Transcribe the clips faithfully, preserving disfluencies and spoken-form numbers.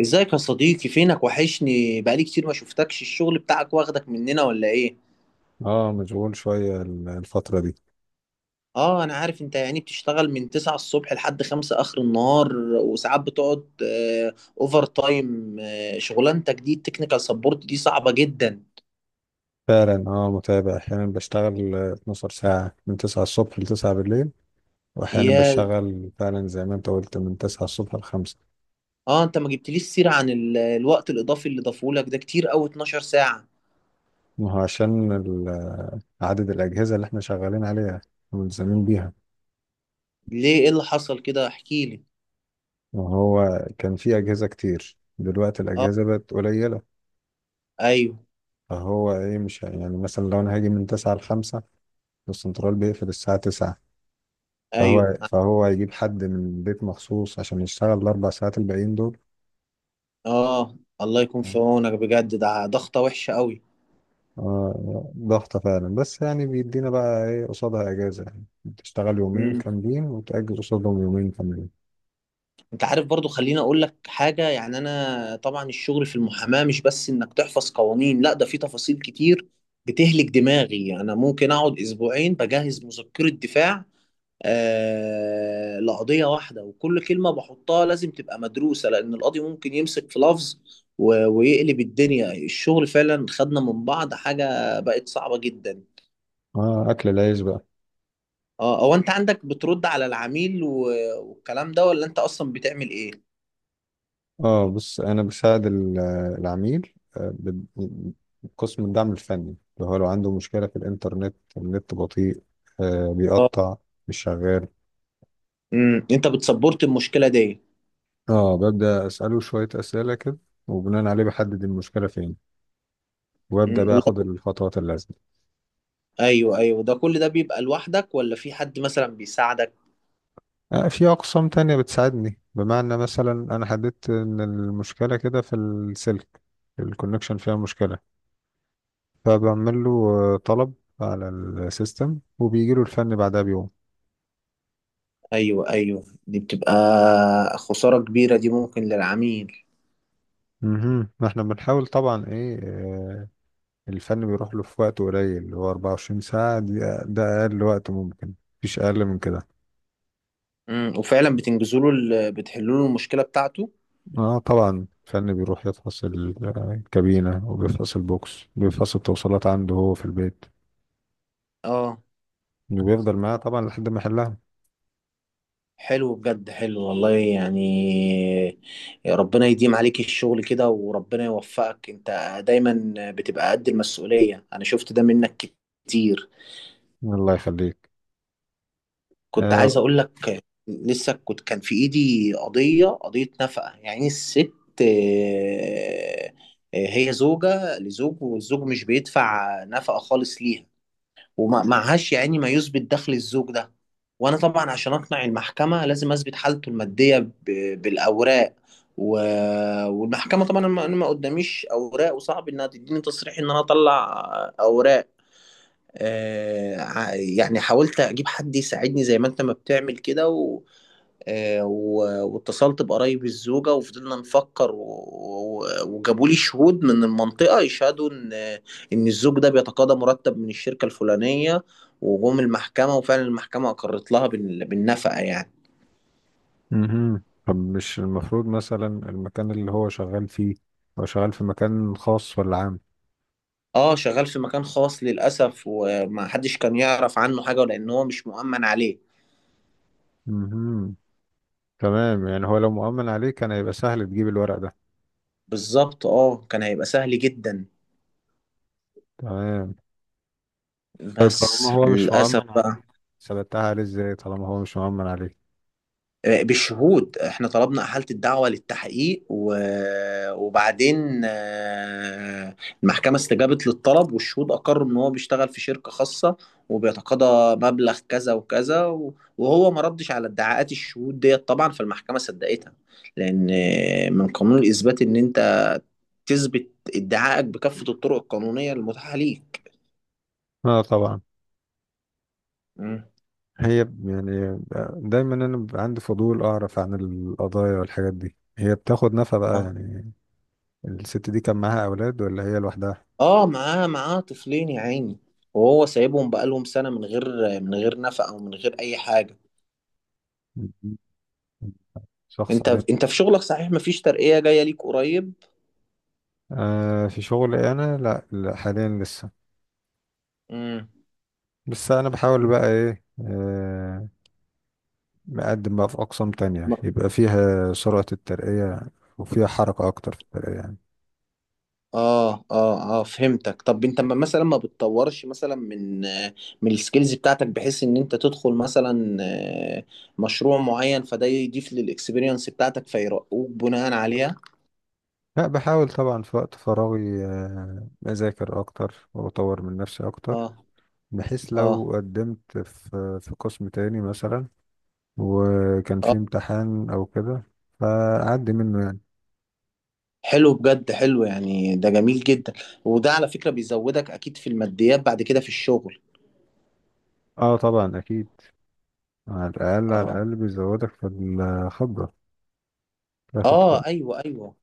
ازيك يا صديقي؟ فينك؟ وحشني، بقالي كتير ما شفتكش. الشغل بتاعك واخدك مننا ولا ايه؟ اه، مشغول شوية ال- الفترة دي. اه، انا عارف، انت يعني بتشتغل من تسعة الصبح لحد خمسة اخر النهار، وساعات بتقعد آه اوفر تايم. آه شغلانتك دي، التكنيكال سبورت دي صعبة جدا. فعلا، اه متابع. احيانا بشتغل آه، 12 ساعة، من 9 الصبح ل 9 بالليل. واحيانا يا. بشتغل فعلا زي ما انت قلت، من 9 الصبح ل الخامسة. اه، انت ما جبتليش سيرة عن ال- الوقت الاضافي اللي ضافولك ده، كتير قوي اتناشر ساعة. ما هو عشان ال- آه، عدد الأجهزة اللي احنا شغالين عليها وملزمين بيها. ليه؟ ايه اللي حصل كده؟ احكي لي. وهو كان في أجهزة كتير، دلوقتي اه. الأجهزة بقت قليلة. ايوه فهو ايه، مش ه- يعني مثلا لو انا هاجي من تسعة ل الخامسة، السنترال بيقفل الساعة تسعة. ايوه. فهو فهو هيجيب حد من البيت مخصوص عشان يشتغل الأربع ساعات الباقيين دول. اه، الله يكون في عونك، بجد ده ضغطة وحشة. آه، ضغطة فعلا، بس يعني بيدينا بقى ايه قصادها؟ اجازة يعني. تشتغل يومين قوي. كاملين وتأجز قصادهم يومين كاملين. انت عارف برضو، خليني اقول لك حاجة، يعني انا طبعا الشغل في المحاماة مش بس انك تحفظ قوانين، لا ده في تفاصيل كتير بتهلك دماغي. انا ممكن اقعد اسبوعين بجهز مذكرة دفاع آه لقضية واحدة، وكل كلمة بحطها لازم تبقى مدروسة لان القاضي ممكن يمسك في لفظ و- ويقلب الدنيا. الشغل فعلا خدنا من بعض، حاجة بقت صعبة جدا. اه، اكل العيش بقى. اه، هو انت عندك بترد على العميل و- والكلام ده، ولا انت اصلا بتعمل ايه؟ اه بص، انا بساعد ال- العميل، آه، ب- بقسم الدعم الفني. اللي هو لو عنده مشكلة في الانترنت، النت بطيء، آه بيقطع، مش شغال، امم انت بتسبورت المشكله دي؟ اه ببدأ اسأله شوية اسئلة كده، وبناء عليه بحدد المشكلة فين، وابدأ امم بقى وده. اخد الخطوات اللازمة. ايوه ايوه، ده كل ده بيبقى لوحدك ولا في حد مثلا بيساعدك؟ آه، في أقسام تانية بتساعدني. بمعنى مثلا أنا حددت إن المشكلة كده في السلك، الكونكشن فيها مشكلة، فبعمل له آه، طلب على السيستم، وبيجي له الفني بعدها بيوم. ايوه ايوه، دي بتبقى خساره كبيره دي ممكن للعميل. مهم. ما احنا بنحاول طبعا ايه، آه، الفن بيروح له في وقت قليل، اللي هو 24 ساعة دي. ده أقل وقت ممكن، مفيش أقل من كده. امم وفعلا بتنجزوا له ال- بتحلوا له المشكله بتاعته؟ اه طبعا، الفن بيروح يفحص ال- آه، الكابينة، وبيفحص البوكس، بيفحص التوصيلات عنده هو في البيت، اه، وبيفضل معاه طبعا لحد ما يحلها. حلو بجد، حلو والله يعني. يا ربنا يديم عليك الشغل كده، وربنا يوفقك. انت دايما بتبقى قد المسؤوليه، انا شفت ده منك كتير. الله يخليك. كنت آه. عايز اقول لك، لسه كنت كان في ايدي قضيه قضيه نفقه يعني. الست آه، آه، هي زوجه لزوج، والزوج مش بيدفع نفقه خالص ليها، ومعهاش يعني ما يثبت دخل الزوج ده. وانا طبعا عشان اقنع المحكمه لازم اثبت حالته الماديه ب- بالاوراق. و... والمحكمه طبعا، انا ما أنا ما قداميش اوراق، وصعب انها تديني تصريح ان انا اطلع اوراق. آه، ع- يعني حاولت اجيب حد يساعدني زي ما انت ما بتعمل كده، و... آه، و... واتصلت بقرايب الزوجة وفضلنا نفكر. و... و... وجابوا لي شهود من المنطقة يشهدوا ان ان الزوج ده بيتقاضى مرتب من الشركة الفلانية. وجم المحكمة، وفعلا المحكمة اقرت لها بال... بالنفقة يعني. مهم. طب مش المفروض مثلا المكان اللي هو شغال فيه، هو شغال في مكان خاص ولا عام؟ اه، شغال في مكان خاص للأسف، وما حدش كان يعرف عنه حاجة لأن هو مش مؤمن عليه. مهم. تمام. يعني هو لو مؤمن عليه كان هيبقى سهل تجيب الورق ده. بالظبط، اه كان هيبقى سهل جدا، تمام. طيب طالما بس هو مش للأسف مؤمن عليه، بقى. ثبتها عليه ازاي طالما هو مش مؤمن عليه؟ آه، بالشهود، احنا طلبنا احاله الدعوه للتحقيق و- وبعدين، آه، المحكمه استجابت للطلب، والشهود اقروا ان هو بيشتغل في شركه خاصه وبيتقاضى مبلغ كذا وكذا، و- وهو ما ردش على ادعاءات الشهود ديت طبعا، فالمحكمه صدقتها. لان آه، من قانون الاثبات ان انت تثبت ادعائك بكافه الطرق القانونيه المتاحه ليك. اه طبعا. مم. هي ب- يعني دايما انا بيبقى عندي فضول اعرف عن القضايا والحاجات دي. هي بتاخد نفقة بقى يعني؟ الست دي كان معاها اولاد ولا هي لوحدها؟ اه، معاه معاه طفلين يا عيني، وهو سايبهم بقالهم سنة من غير من غير نفقة، او من غير اي حاجة. مهم. شخص. انت انت في شغلك، صحيح مفيش ترقية جاية ليك قريب؟ آه في شغل انا، لا, لا حاليا لسه. امم بس انا بحاول بقى ايه، آه مقدم بقى في اقسام تانية م- يبقى فيها سرعة الترقية، وفيها حركة اكتر في الترقية يعني. اه اه اه، فهمتك. طب انت ما- مثلا ما بتطورش مثلا من آه، من السكيلز بتاعتك، بحيث ان انت تدخل مثلا آه، مشروع معين، فده يضيف للاكسبيرينس بتاعتك فيرقوك بناء عليها؟ لا، بحاول طبعا في وقت فراغي آه اذاكر اكتر واطور من نفسي اكتر. اه بحيث اه. لو قدمت في في قسم تاني مثلا، وكان آه. فيه امتحان او كده، فاعدي منه يعني. حلو بجد حلو، يعني ده جميل جدا. وده على فكرة بيزودك اكيد في الماديات بعد كده في الشغل. اه طبعا اكيد. على الاقل، على اه الاقل بيزودك في الخبرة. تاخد. اه. ايوه ايوه،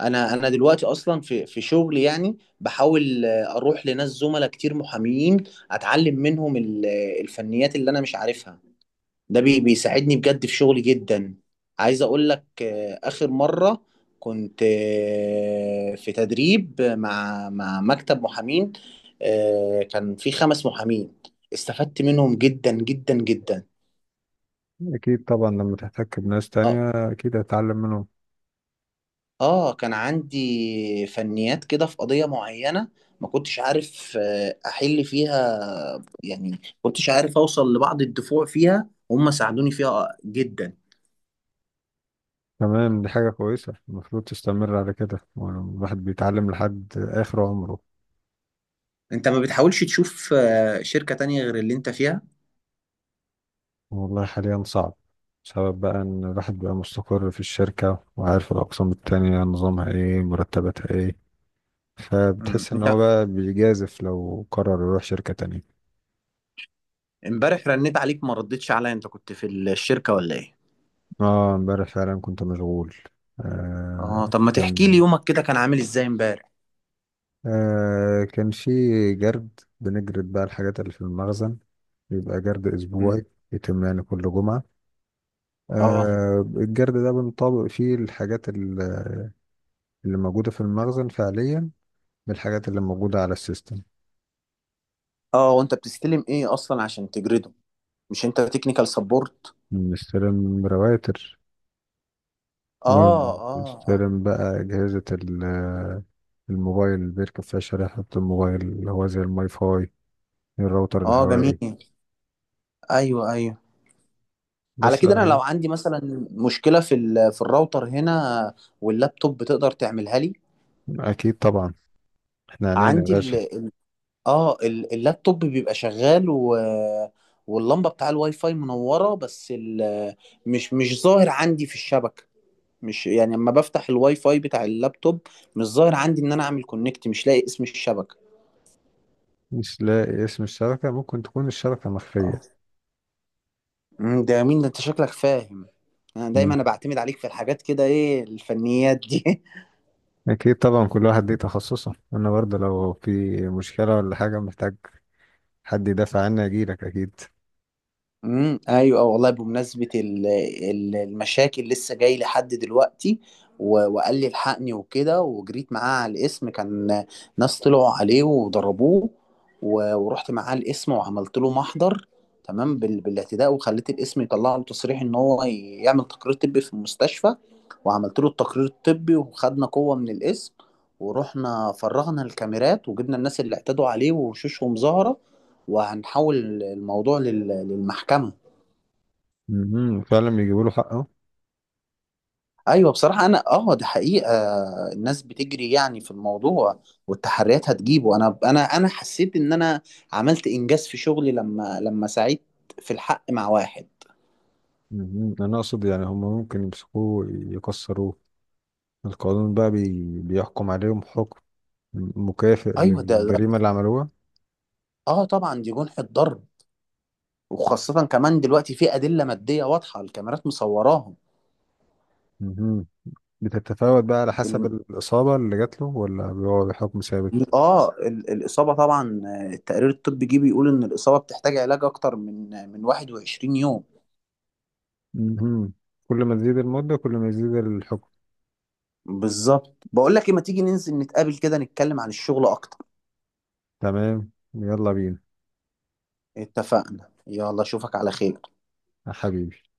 انا انا دلوقتي اصلا في في شغلي، يعني بحاول آه، اروح لناس زملاء كتير محامين اتعلم منهم ال- الفنيات اللي انا مش عارفها. ده بي بيساعدني بجد في شغلي جدا. عايز اقول لك، آه، اخر مرة كنت آه، في تدريب مع مع مكتب محامين. آه، كان في خمس محامين استفدت منهم جدا جدا جدا. أكيد طبعا لما تحتك بناس اه تانية أكيد هتتعلم منهم. اه، كان عندي فنيات كده في قضية معينة ما كنتش عارف آه، احل فيها، يعني ما كنتش عارف اوصل لبعض الدفوع فيها. هم ساعدوني فيها جدا. تمام، دي حاجة كويسة. المفروض تستمر على كده، يعني الواحد بيتعلم لحد آخر عمره. انت ما بتحاولش تشوف آه، شركة تانية غير اللي انت فيها؟ والله حاليا صعب. بسبب بقى إن الواحد بقى مستقر في الشركة، وعارف الأقسام التانية نظامها إيه، مرتباتها إيه. مم. فبتحس إن انت هو بقى بيجازف لو قرر يروح شركة تانية. امبارح رنيت عليك ما ردتش عليا، انت كنت في الشركة ولا ايه؟ آه إمبارح فعلا كنت مشغول. اه، آه طب ما تحكي كان لي يومك كده كان عامل ازاي امبارح؟ آه كان في جرد. بنجرد بقى الحاجات اللي في المخزن. بيبقى جرد مم. أسبوعي، يتم يعني كل جمعة. اه آه الجرد ده بنطابق فيه الحاجات ال- اللي موجودة في المخزن فعليا، بالحاجات اللي موجودة على السيستم. اه. وانت بتستلم ايه اصلا عشان تجرده؟ مش انت تكنيكال سبورت؟ بنستلم رواتر، اه اه اه. وبنستلم بقى أجهزة ال- الموبايل اللي بيركب فيها شريحة، الموبايل اللي هو زي الماي فاي، الراوتر اه الهوائي. جميل. ايوه ايوه، على بس كده انا لو الحاجات. عندي مثلا مشكلة في ال- في الراوتر هنا واللابتوب، بتقدر تعملها لي؟ أكيد طبعا، احنا عنينا يا عندي، باشا. اه ال- اللابتوب بيبقى شغال و... واللمبه بتاع الواي فاي منوره، بس ال... مش مش ظاهر عندي في الشبكه. مش يعني لما بفتح الواي فاي بتاع اللابتوب، مش ظاهر عندي ان انا اعمل كونكت، مش لاقي اسم الشبكه. مش لاقي اسم الشبكة؟ ممكن تكون الشبكة مخفية. اه. أمم، ده يا مين، ده انت شكلك فاهم. انا دايما مم. انا بعتمد عليك في الحاجات كده. ايه الفنيات دي؟ أكيد طبعا، كل واحد ليه تخصصه. أنا برضه لو في مشكلة ولا حاجة، محتاج حد يدافع عني أجيلك أكيد. امم ايوه والله. بمناسبه ال- ال- المشاكل، لسه جاي لي حد دلوقتي و- وقال لي الحقني وكده، وجريت معاه على الاسم. كان ناس طلعوا عليه وضربوه، و- ورحت معاه الاسم وعملت له محضر تمام بال- بالاعتداء، وخليت الاسم يطلع له تصريح ان هو يعمل تقرير طبي في المستشفى، وعملت له التقرير الطبي وخدنا قوه من الاسم، ورحنا فرغنا الكاميرات وجبنا الناس اللي اعتدوا عليه وشوشهم ظاهره، وهنحول الموضوع لل- للمحكمه. مم. فعلا بيجيبوا له حقه. ايوه بصراحه، انا اه دي حقيقه، الناس بتجري يعني في الموضوع، والتحريات هتجيبه. انا انا انا حسيت ان انا عملت انجاز في شغلي لما لما ساعدت في الحق مع واحد. مم. أنا أقصد يعني هم ممكن يمسكوه يكسروه. القانون بقى بي... بيحكم عليهم حكم مكافئ ايوه ده, ده، للجريمة اللي عملوها. اه طبعا دي جنحة ضرب، وخاصه كمان دلوقتي في ادله ماديه واضحه، الكاميرات مصوراهم. مم. بتتفاوت بقى على حسب ال... الإصابة اللي جات له، ولا بيقعد حكم ثابت؟ اه ال... الاصابه طبعا، آه، التقرير الطبي جه بيقول ان الاصابه بتحتاج علاج اكتر من آه، من واحد وعشرين يوم. مم. كل ما تزيد المدة كل ما يزيد الحكم. بالظبط. بقول لك ايه، ما تيجي ننزل نتقابل كده، نتكلم عن الشغل اكتر. تمام، يلا بينا. اتفقنا. يلا اشوفك على خير. يا حبيبي.